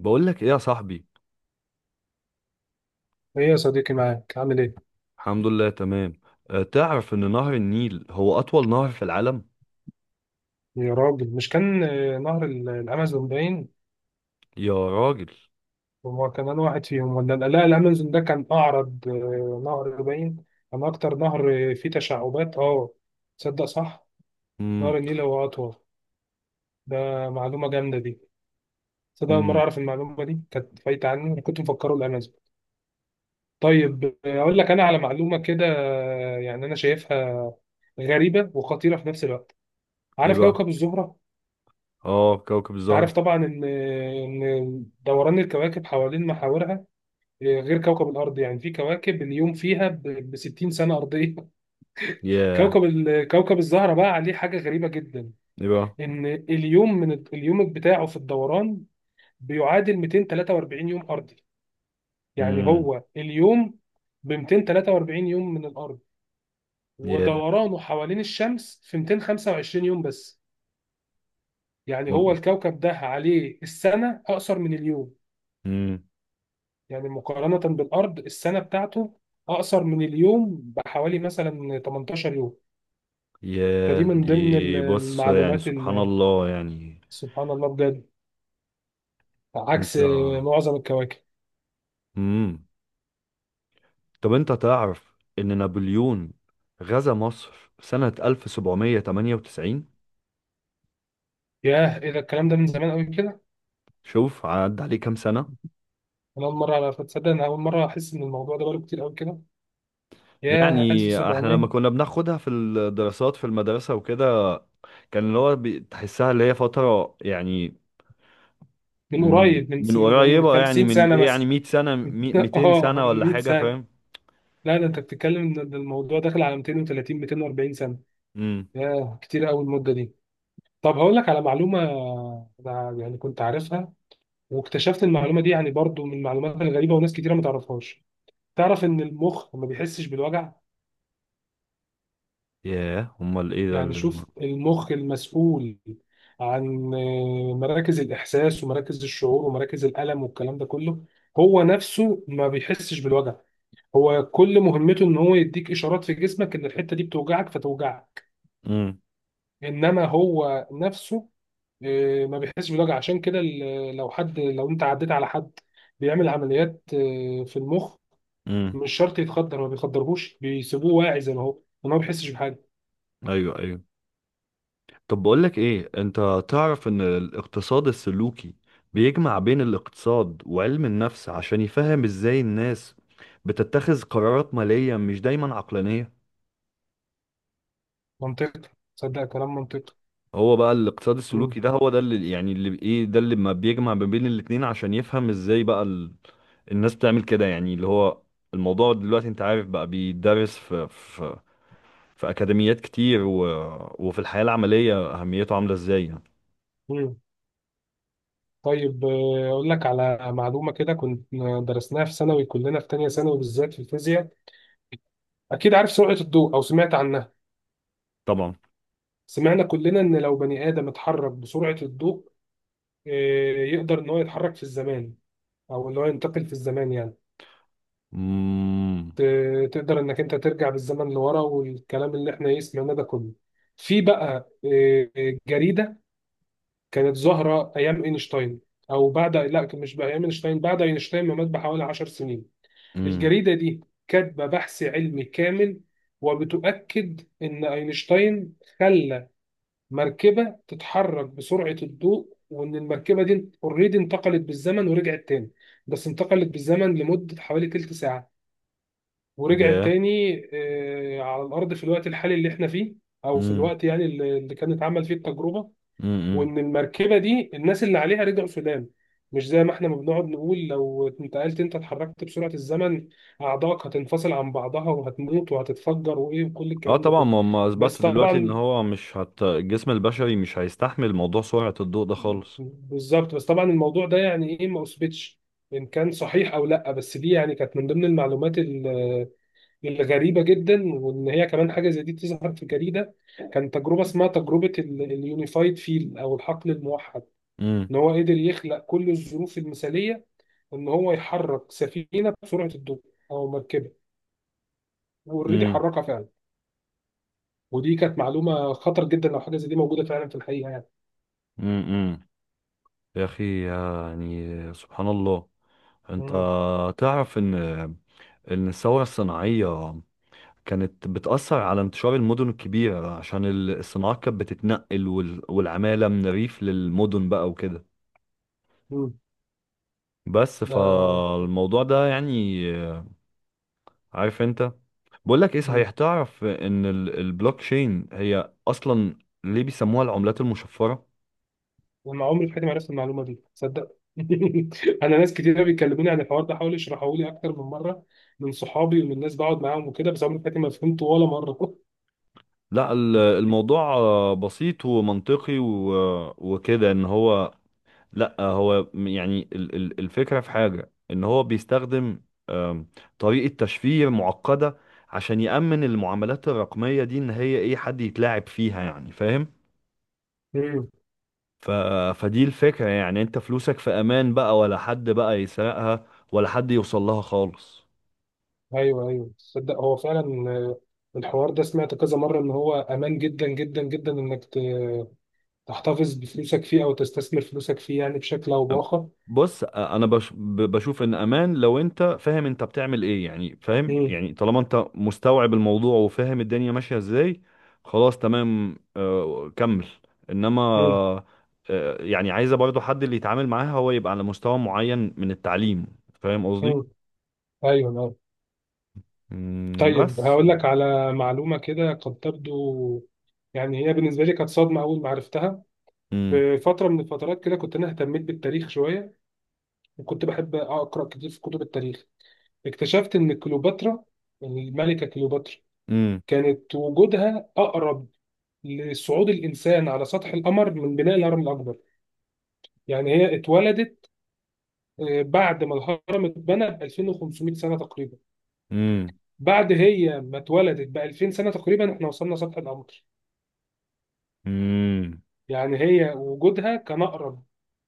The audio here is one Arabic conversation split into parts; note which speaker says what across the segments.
Speaker 1: بقول لك ايه يا صاحبي.
Speaker 2: ايه يا صديقي، معاك؟ عامل ايه؟
Speaker 1: الحمد لله، تمام. تعرف ان نهر النيل هو اطول نهر في العالم؟
Speaker 2: يا راجل، مش كان نهر الامازون باين؟
Speaker 1: يا راجل.
Speaker 2: هو كان انا واحد فيهم ولا؟ لا لا، الامازون ده كان اعرض، نهر باين. كان اكتر نهر فيه تشعبات. اه تصدق؟ صح، نهر
Speaker 1: امم.
Speaker 2: النيل هو اطول. ده معلومه جامده دي. تصدق اول مره
Speaker 1: امم.
Speaker 2: اعرف المعلومه دي، كانت فايته عني. أنا كنت مفكره الامازون. طيب اقول لك انا على معلومه كده، يعني انا شايفها غريبه وخطيره في نفس الوقت.
Speaker 1: ايه
Speaker 2: عارف
Speaker 1: بقى؟
Speaker 2: كوكب الزهره؟
Speaker 1: اه، كوكب
Speaker 2: تعرف
Speaker 1: الزهر.
Speaker 2: طبعا ان دوران الكواكب حوالين محاورها غير كوكب الارض. يعني في كواكب اليوم فيها ب 60 سنه ارضيه.
Speaker 1: ياه.
Speaker 2: كوكب كوكب الزهره بقى عليه حاجه غريبه جدا.
Speaker 1: ايه بقى؟
Speaker 2: ان اليوم، من اليوم بتاعه في الدوران، بيعادل 243 يوم ارضي. يعني
Speaker 1: امم.
Speaker 2: هو اليوم ب 243 يوم من الارض،
Speaker 1: ياه.
Speaker 2: ودورانه حوالين الشمس في 225 يوم بس. يعني هو الكوكب ده عليه السنه اقصر من اليوم.
Speaker 1: امم.
Speaker 2: يعني مقارنة بالأرض، السنة بتاعته أقصر من اليوم بحوالي مثلا 18 يوم. فدي
Speaker 1: ياه،
Speaker 2: من ضمن
Speaker 1: دي بص يعني
Speaker 2: المعلومات
Speaker 1: سبحان
Speaker 2: اللي
Speaker 1: الله يعني.
Speaker 2: سبحان الله بجد،
Speaker 1: انت.
Speaker 2: عكس معظم الكواكب.
Speaker 1: امم. طب انت تعرف ان نابليون غزا مصر سنة 1798؟
Speaker 2: ياه، إيه ده الكلام ده، من زمان قوي كده؟
Speaker 1: شوف عدى عليه كام سنة
Speaker 2: أنا أول مرة أعرف، تصدق؟ أنا أول مرة أحس إن الموضوع ده بقاله كتير قوي كده. ياه
Speaker 1: يعني. احنا لما
Speaker 2: 1700!
Speaker 1: كنا بناخدها في الدراسات في المدرسة وكده، كان اللي هو تحسها اللي هي فترة، يعني.
Speaker 2: من
Speaker 1: مم،
Speaker 2: قريب من
Speaker 1: من
Speaker 2: من من
Speaker 1: قريبة، يعني
Speaker 2: 50
Speaker 1: من
Speaker 2: سنة
Speaker 1: ايه، يعني
Speaker 2: مثلا.
Speaker 1: 100 سنة 200
Speaker 2: اه،
Speaker 1: سنة
Speaker 2: من
Speaker 1: ولا
Speaker 2: 100
Speaker 1: حاجة،
Speaker 2: سنة.
Speaker 1: فاهم؟
Speaker 2: لا، ده أنت بتتكلم إن الموضوع داخل على 230، 240 سنة.
Speaker 1: امم.
Speaker 2: ياه، كتير قوي المدة دي. طب هقول لك على معلومة، أنا يعني كنت عارفها، واكتشفت المعلومة دي، يعني برضو من المعلومات الغريبة وناس كتيرة ما تعرفهاش. تعرف إن المخ ما بيحسش بالوجع؟
Speaker 1: ياه، امال ايه ده
Speaker 2: يعني
Speaker 1: اللي...
Speaker 2: شوف، المخ المسؤول عن مراكز الإحساس ومراكز الشعور ومراكز الألم والكلام ده كله، هو نفسه ما بيحسش بالوجع. هو كل مهمته إن هو يديك إشارات في جسمك إن الحتة دي بتوجعك فتوجعك.
Speaker 1: امم.
Speaker 2: إنما هو نفسه ما بيحسش بالوجع. عشان كده لو حد، لو انت عديت على حد بيعمل عمليات في المخ،
Speaker 1: امم.
Speaker 2: مش شرط يتخدر. ما بيخدرهوش، بيسيبوه واعي زي ما هو، وما هو بيحسش بحاجه.
Speaker 1: ايوه، ايوه. طب بقول لك ايه، انت تعرف ان الاقتصاد السلوكي بيجمع بين الاقتصاد وعلم النفس عشان يفهم ازاي الناس بتتخذ قرارات مالية مش دايما عقلانية؟
Speaker 2: منطقي، صدق، كلام منطقي.
Speaker 1: هو بقى الاقتصاد
Speaker 2: مم.
Speaker 1: السلوكي ده، هو ده اللي يعني، اللي ايه، ده اللي ما بيجمع ما بين الاتنين عشان يفهم ازاي بقى الناس بتعمل كده، يعني اللي هو الموضوع دلوقتي، انت عارف بقى، بيدرس في اكاديميات كتير و... وفي الحياة العملية اهميته عاملة ازاي، يعني.
Speaker 2: مم. طيب اقول لك على معلومه كده، كنت درسناها في ثانوي كلنا، في تانية ثانوي بالذات في الفيزياء. اكيد عارف سرعه الضوء او سمعت عنها.
Speaker 1: طبعا.
Speaker 2: سمعنا كلنا ان لو بني ادم اتحرك بسرعه الضوء، يقدر ان هو يتحرك في الزمان، او اللي هو ينتقل في الزمان يعني.
Speaker 1: امم.
Speaker 2: تقدر انك انت ترجع بالزمن لورا، والكلام اللي احنا ايه سمعناه ده كله. في بقى جريده كانت ظاهره ايام اينشتاين، او بعد، لا مش بقى ايام اينشتاين، بعد اينشتاين ما مات بحوالي 10 سنين،
Speaker 1: امم.
Speaker 2: الجريده دي كاتبه بحث علمي كامل، وبتؤكد ان اينشتاين خلى مركبه تتحرك بسرعه الضوء، وان المركبه دي اوريدي انتقلت بالزمن ورجعت تاني. بس انتقلت بالزمن لمده حوالي تلت ساعه، ورجعت
Speaker 1: ياه.
Speaker 2: تاني على الارض في الوقت الحالي اللي احنا فيه، او في
Speaker 1: امم.
Speaker 2: الوقت يعني اللي كانت اتعمل فيه التجربه.
Speaker 1: امم.
Speaker 2: وان المركبه دي الناس اللي عليها رجعوا السودان. مش زي ما احنا ما بنقعد نقول لو انتقلت انت، اتحركت بسرعه الزمن، اعضائك هتنفصل عن بعضها وهتموت وهتتفجر وايه، وكل
Speaker 1: اه
Speaker 2: الكلام ده
Speaker 1: طبعا،
Speaker 2: كله.
Speaker 1: ما هم
Speaker 2: بس
Speaker 1: اثبتوا دلوقتي ان
Speaker 2: طبعا،
Speaker 1: هو مش هت... الجسم البشري مش هيستحمل موضوع سرعة الضوء ده خالص.
Speaker 2: بالظبط، بس طبعا الموضوع ده يعني ايه، ما اثبتش ان كان صحيح او لا، بس دي يعني كانت من ضمن المعلومات غريبة جدا. وإن هي كمان حاجة زي دي تظهر في جريدة. كان تجربة اسمها تجربة اليونيفايد فيل، أو الحقل الموحد.
Speaker 1: امم.
Speaker 2: إن هو قدر يخلق كل الظروف المثالية، إن هو يحرك سفينة بسرعة الضوء، أو مركبة، وأوريدي حركها فعلا. ودي كانت معلومة خطر جدا لو حاجة زي دي موجودة فعلا في الحقيقة يعني.
Speaker 1: امم. يا أخي، يعني سبحان الله. أنت
Speaker 2: مم.
Speaker 1: تعرف إن الثورة الصناعية كانت بتأثر على انتشار المدن الكبيرة عشان الصناعات كانت بتتنقل، والعمالة من الريف للمدن بقى وكده.
Speaker 2: مم.
Speaker 1: بس
Speaker 2: ده.
Speaker 1: فالموضوع ده، يعني. عارف أنت. بقول لك إيه،
Speaker 2: مم.
Speaker 1: صحيح تعرف إن البلوك تشين هي أصلا ليه بيسموها العملات المشفرة؟
Speaker 2: انا عمري في حياتي ما عرفت المعلومه دي، تصدق؟ انا ناس كتير بيكلموني عن الحوار ده، حاولوا يشرحوا لي اكتر من مره، من صحابي ومن ناس بقعد معاهم وكده، بس عمري في حياتي ما فهمته ولا مره.
Speaker 1: لا، الموضوع بسيط ومنطقي وكده. إن هو لا، هو يعني الفكرة في حاجة ان هو بيستخدم آم، طريقة تشفير معقدة، عشان يأمن المعاملات الرقمية دي ان هي ايه حد يتلاعب فيها، يعني فاهم؟
Speaker 2: امم.
Speaker 1: ف... فدي الفكرة، يعني انت فلوسك في امان بقى، ولا حد بقى يسرقها ولا حد يوصل لها خالص.
Speaker 2: ايوه، ايوه، تصدق هو فعلا الحوار ده سمعت كذا مره ان هو امان جدا جدا جدا، انك تحتفظ بفلوسك فيه او تستثمر فلوسك فيه يعني بشكل او باخر.
Speaker 1: بص، انا بشوف ان امان لو انت فاهم انت بتعمل ايه، يعني فاهم؟
Speaker 2: امم.
Speaker 1: يعني طالما انت مستوعب الموضوع وفاهم الدنيا ماشية ازاي، خلاص تمام. كمل.
Speaker 2: امم.
Speaker 1: انما يعني عايزة برضو حد اللي يتعامل معاها هو يبقى على مستوى معين من التعليم، فاهم
Speaker 2: امم.
Speaker 1: قصدي؟
Speaker 2: ايوه، أيوة.
Speaker 1: مم،
Speaker 2: طيب
Speaker 1: بس.
Speaker 2: هقول لك على معلومه كده، قد تبدو، يعني هي بالنسبه لي كانت صدمه اول ما عرفتها.
Speaker 1: مم.
Speaker 2: في فترة من الفترات كده كنت أنا اهتميت بالتاريخ شوية، وكنت بحب أقرأ كتير في كتب التاريخ. اكتشفت إن كليوباترا، يعني الملكة كليوباترا،
Speaker 1: مم.
Speaker 2: كانت وجودها أقرب لصعود الإنسان على سطح القمر من بناء الهرم الأكبر. يعني هي اتولدت بعد ما الهرم اتبنى ب 2500 سنة تقريبا.
Speaker 1: مم.
Speaker 2: بعد هي ما اتولدت ب 2000 سنة تقريبا احنا وصلنا سطح القمر.
Speaker 1: مم.
Speaker 2: يعني هي وجودها كان أقرب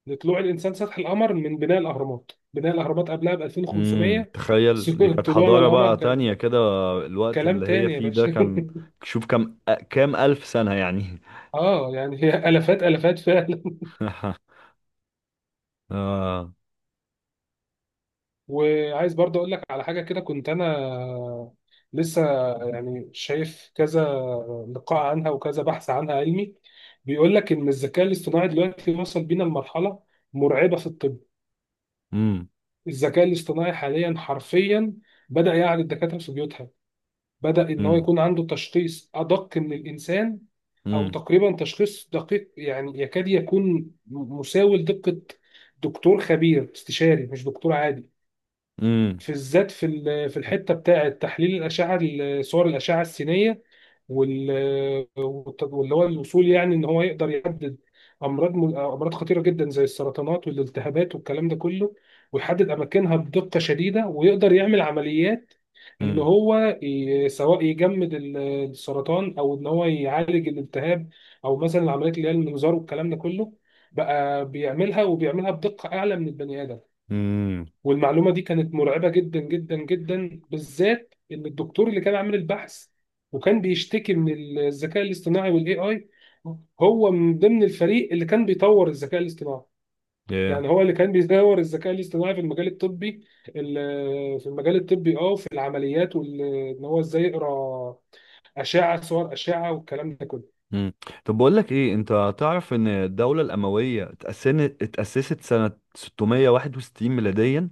Speaker 2: لطلوع الانسان سطح القمر من بناء الاهرامات، بناء الاهرامات قبلها ب
Speaker 1: امم،
Speaker 2: 2500.
Speaker 1: تخيل، دي كانت
Speaker 2: طلوعنا
Speaker 1: حضارة بقى
Speaker 2: القمر
Speaker 1: تانية
Speaker 2: كان
Speaker 1: كده. الوقت
Speaker 2: كلام
Speaker 1: اللي هي
Speaker 2: تاني يا
Speaker 1: فيه ده
Speaker 2: باشا.
Speaker 1: كان شوف كام ألف سنة يعني.
Speaker 2: اه يعني هي الافات، الافات فعلا.
Speaker 1: آه.
Speaker 2: وعايز برضه اقول لك على حاجه كده، كنت انا لسه يعني شايف كذا لقاء عنها وكذا بحث عنها علمي، بيقول لك ان الذكاء الاصطناعي دلوقتي وصل بينا لمرحله مرعبه في الطب.
Speaker 1: امم.
Speaker 2: الذكاء الاصطناعي حاليا حرفيا بدأ يعرض الدكاتره في بيوتها، بدأ إن هو
Speaker 1: امم.
Speaker 2: يكون عنده تشخيص أدق من الإنسان، أو
Speaker 1: امم.
Speaker 2: تقريبا تشخيص دقيق يعني يكاد يكون مساوي لدقة دكتور خبير استشاري، مش دكتور عادي.
Speaker 1: امم.
Speaker 2: في الذات في في الحتة بتاعة تحليل الأشعة، صور الأشعة السينية، وال واللي هو الوصول يعني إن هو يقدر يحدد أمراض، أمراض خطيرة جدا زي السرطانات والالتهابات والكلام ده كله، ويحدد أماكنها بدقة شديدة، ويقدر يعمل عمليات. ان
Speaker 1: امم.
Speaker 2: هو سواء يجمد السرطان، او ان هو يعالج الالتهاب، او مثلا العمليات اللي هي المنظار والكلام ده كله، بقى بيعملها، وبيعملها بدقة اعلى من البني ادم.
Speaker 1: امم.
Speaker 2: والمعلومة دي كانت مرعبة جدا جدا جدا، بالذات ان الدكتور اللي كان عامل البحث وكان بيشتكي من الذكاء الاصطناعي والاي اي، هو من ضمن الفريق اللي كان بيطور الذكاء الاصطناعي.
Speaker 1: yeah.
Speaker 2: يعني هو اللي كان بيدور الذكاء الاصطناعي في المجال الطبي، في المجال الطبي وفي العمليات، وان هو ازاي يقرا اشعه، صور اشعه، والكلام ده كله.
Speaker 1: امم. طب بقول لك ايه، انت تعرف ان الدولة الأموية اتأسست سنة 661 ميلاديا،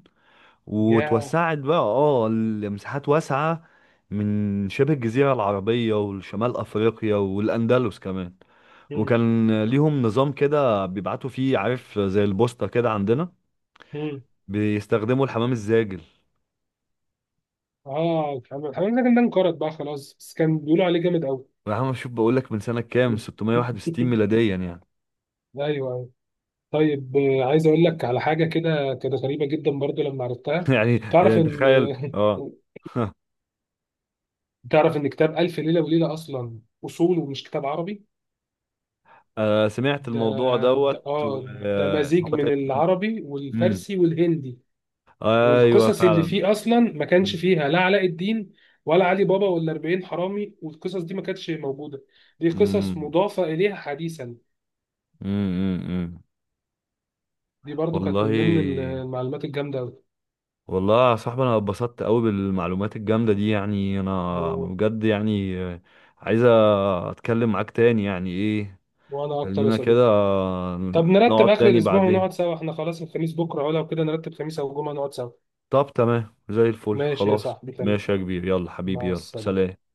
Speaker 2: يا
Speaker 1: وتوسعت بقى لمساحات واسعة من شبه الجزيرة العربية والشمال أفريقيا والأندلس كمان؟
Speaker 2: مم.
Speaker 1: وكان ليهم نظام كده بيبعتوا فيه، عارف، زي البوسطة كده عندنا.
Speaker 2: مم.
Speaker 1: بيستخدموا الحمام الزاجل.
Speaker 2: اه، الحمد لله ده انقرض بقى خلاص، بس كان بيقولوا عليه جامد قوي.
Speaker 1: يا عم شوف، بقول لك من سنة كام؟ 661 ميلاديا، يعني.
Speaker 2: ايوه، أيوة. طيب عايز اقول لك على حاجه كده، كده غريبه جدا برضو لما عرفتها.
Speaker 1: يعني
Speaker 2: تعرف ان...
Speaker 1: تخيل، اه.
Speaker 2: تعرف ان كتاب الف ليله وليله اصلا، اصوله مش كتاب عربي.
Speaker 1: سمعت
Speaker 2: ده
Speaker 1: الموضوع
Speaker 2: ده
Speaker 1: دوت
Speaker 2: اه ده مزيج
Speaker 1: هو
Speaker 2: من
Speaker 1: تقريبا.
Speaker 2: العربي
Speaker 1: امم.
Speaker 2: والفارسي والهندي.
Speaker 1: ايوه
Speaker 2: والقصص اللي
Speaker 1: فعلا.
Speaker 2: فيه اصلا ما كانش
Speaker 1: امم.
Speaker 2: فيها لا علاء الدين ولا علي بابا ولا 40 حرامي، والقصص دي ما كانتش موجوده، دي قصص
Speaker 1: امم.
Speaker 2: مضافه اليها حديثا.
Speaker 1: امم.
Speaker 2: دي برضو كانت من ضمن
Speaker 1: والله.
Speaker 2: المعلومات الجامده قوي.
Speaker 1: والله يا صاحبي، انا اتبسطت قوي بالمعلومات الجامده دي، يعني انا
Speaker 2: و...
Speaker 1: بجد يعني. عايز اتكلم معاك تاني، يعني ايه.
Speaker 2: وانا اكتر يا
Speaker 1: خلينا كده،
Speaker 2: صديقي. طب نرتب
Speaker 1: نقعد
Speaker 2: اخر
Speaker 1: تاني
Speaker 2: الاسبوع
Speaker 1: بعدين.
Speaker 2: ونقعد سوا احنا، خلاص، الخميس بكره ولا كده؟ نرتب خميس او جمعه نقعد سوا.
Speaker 1: طب تمام، زي الفل.
Speaker 2: ماشي يا
Speaker 1: خلاص،
Speaker 2: صاحبي، تمام.
Speaker 1: ماشي يا كبير. يلا حبيبي،
Speaker 2: مع
Speaker 1: يلا،
Speaker 2: السلامه.
Speaker 1: سلام.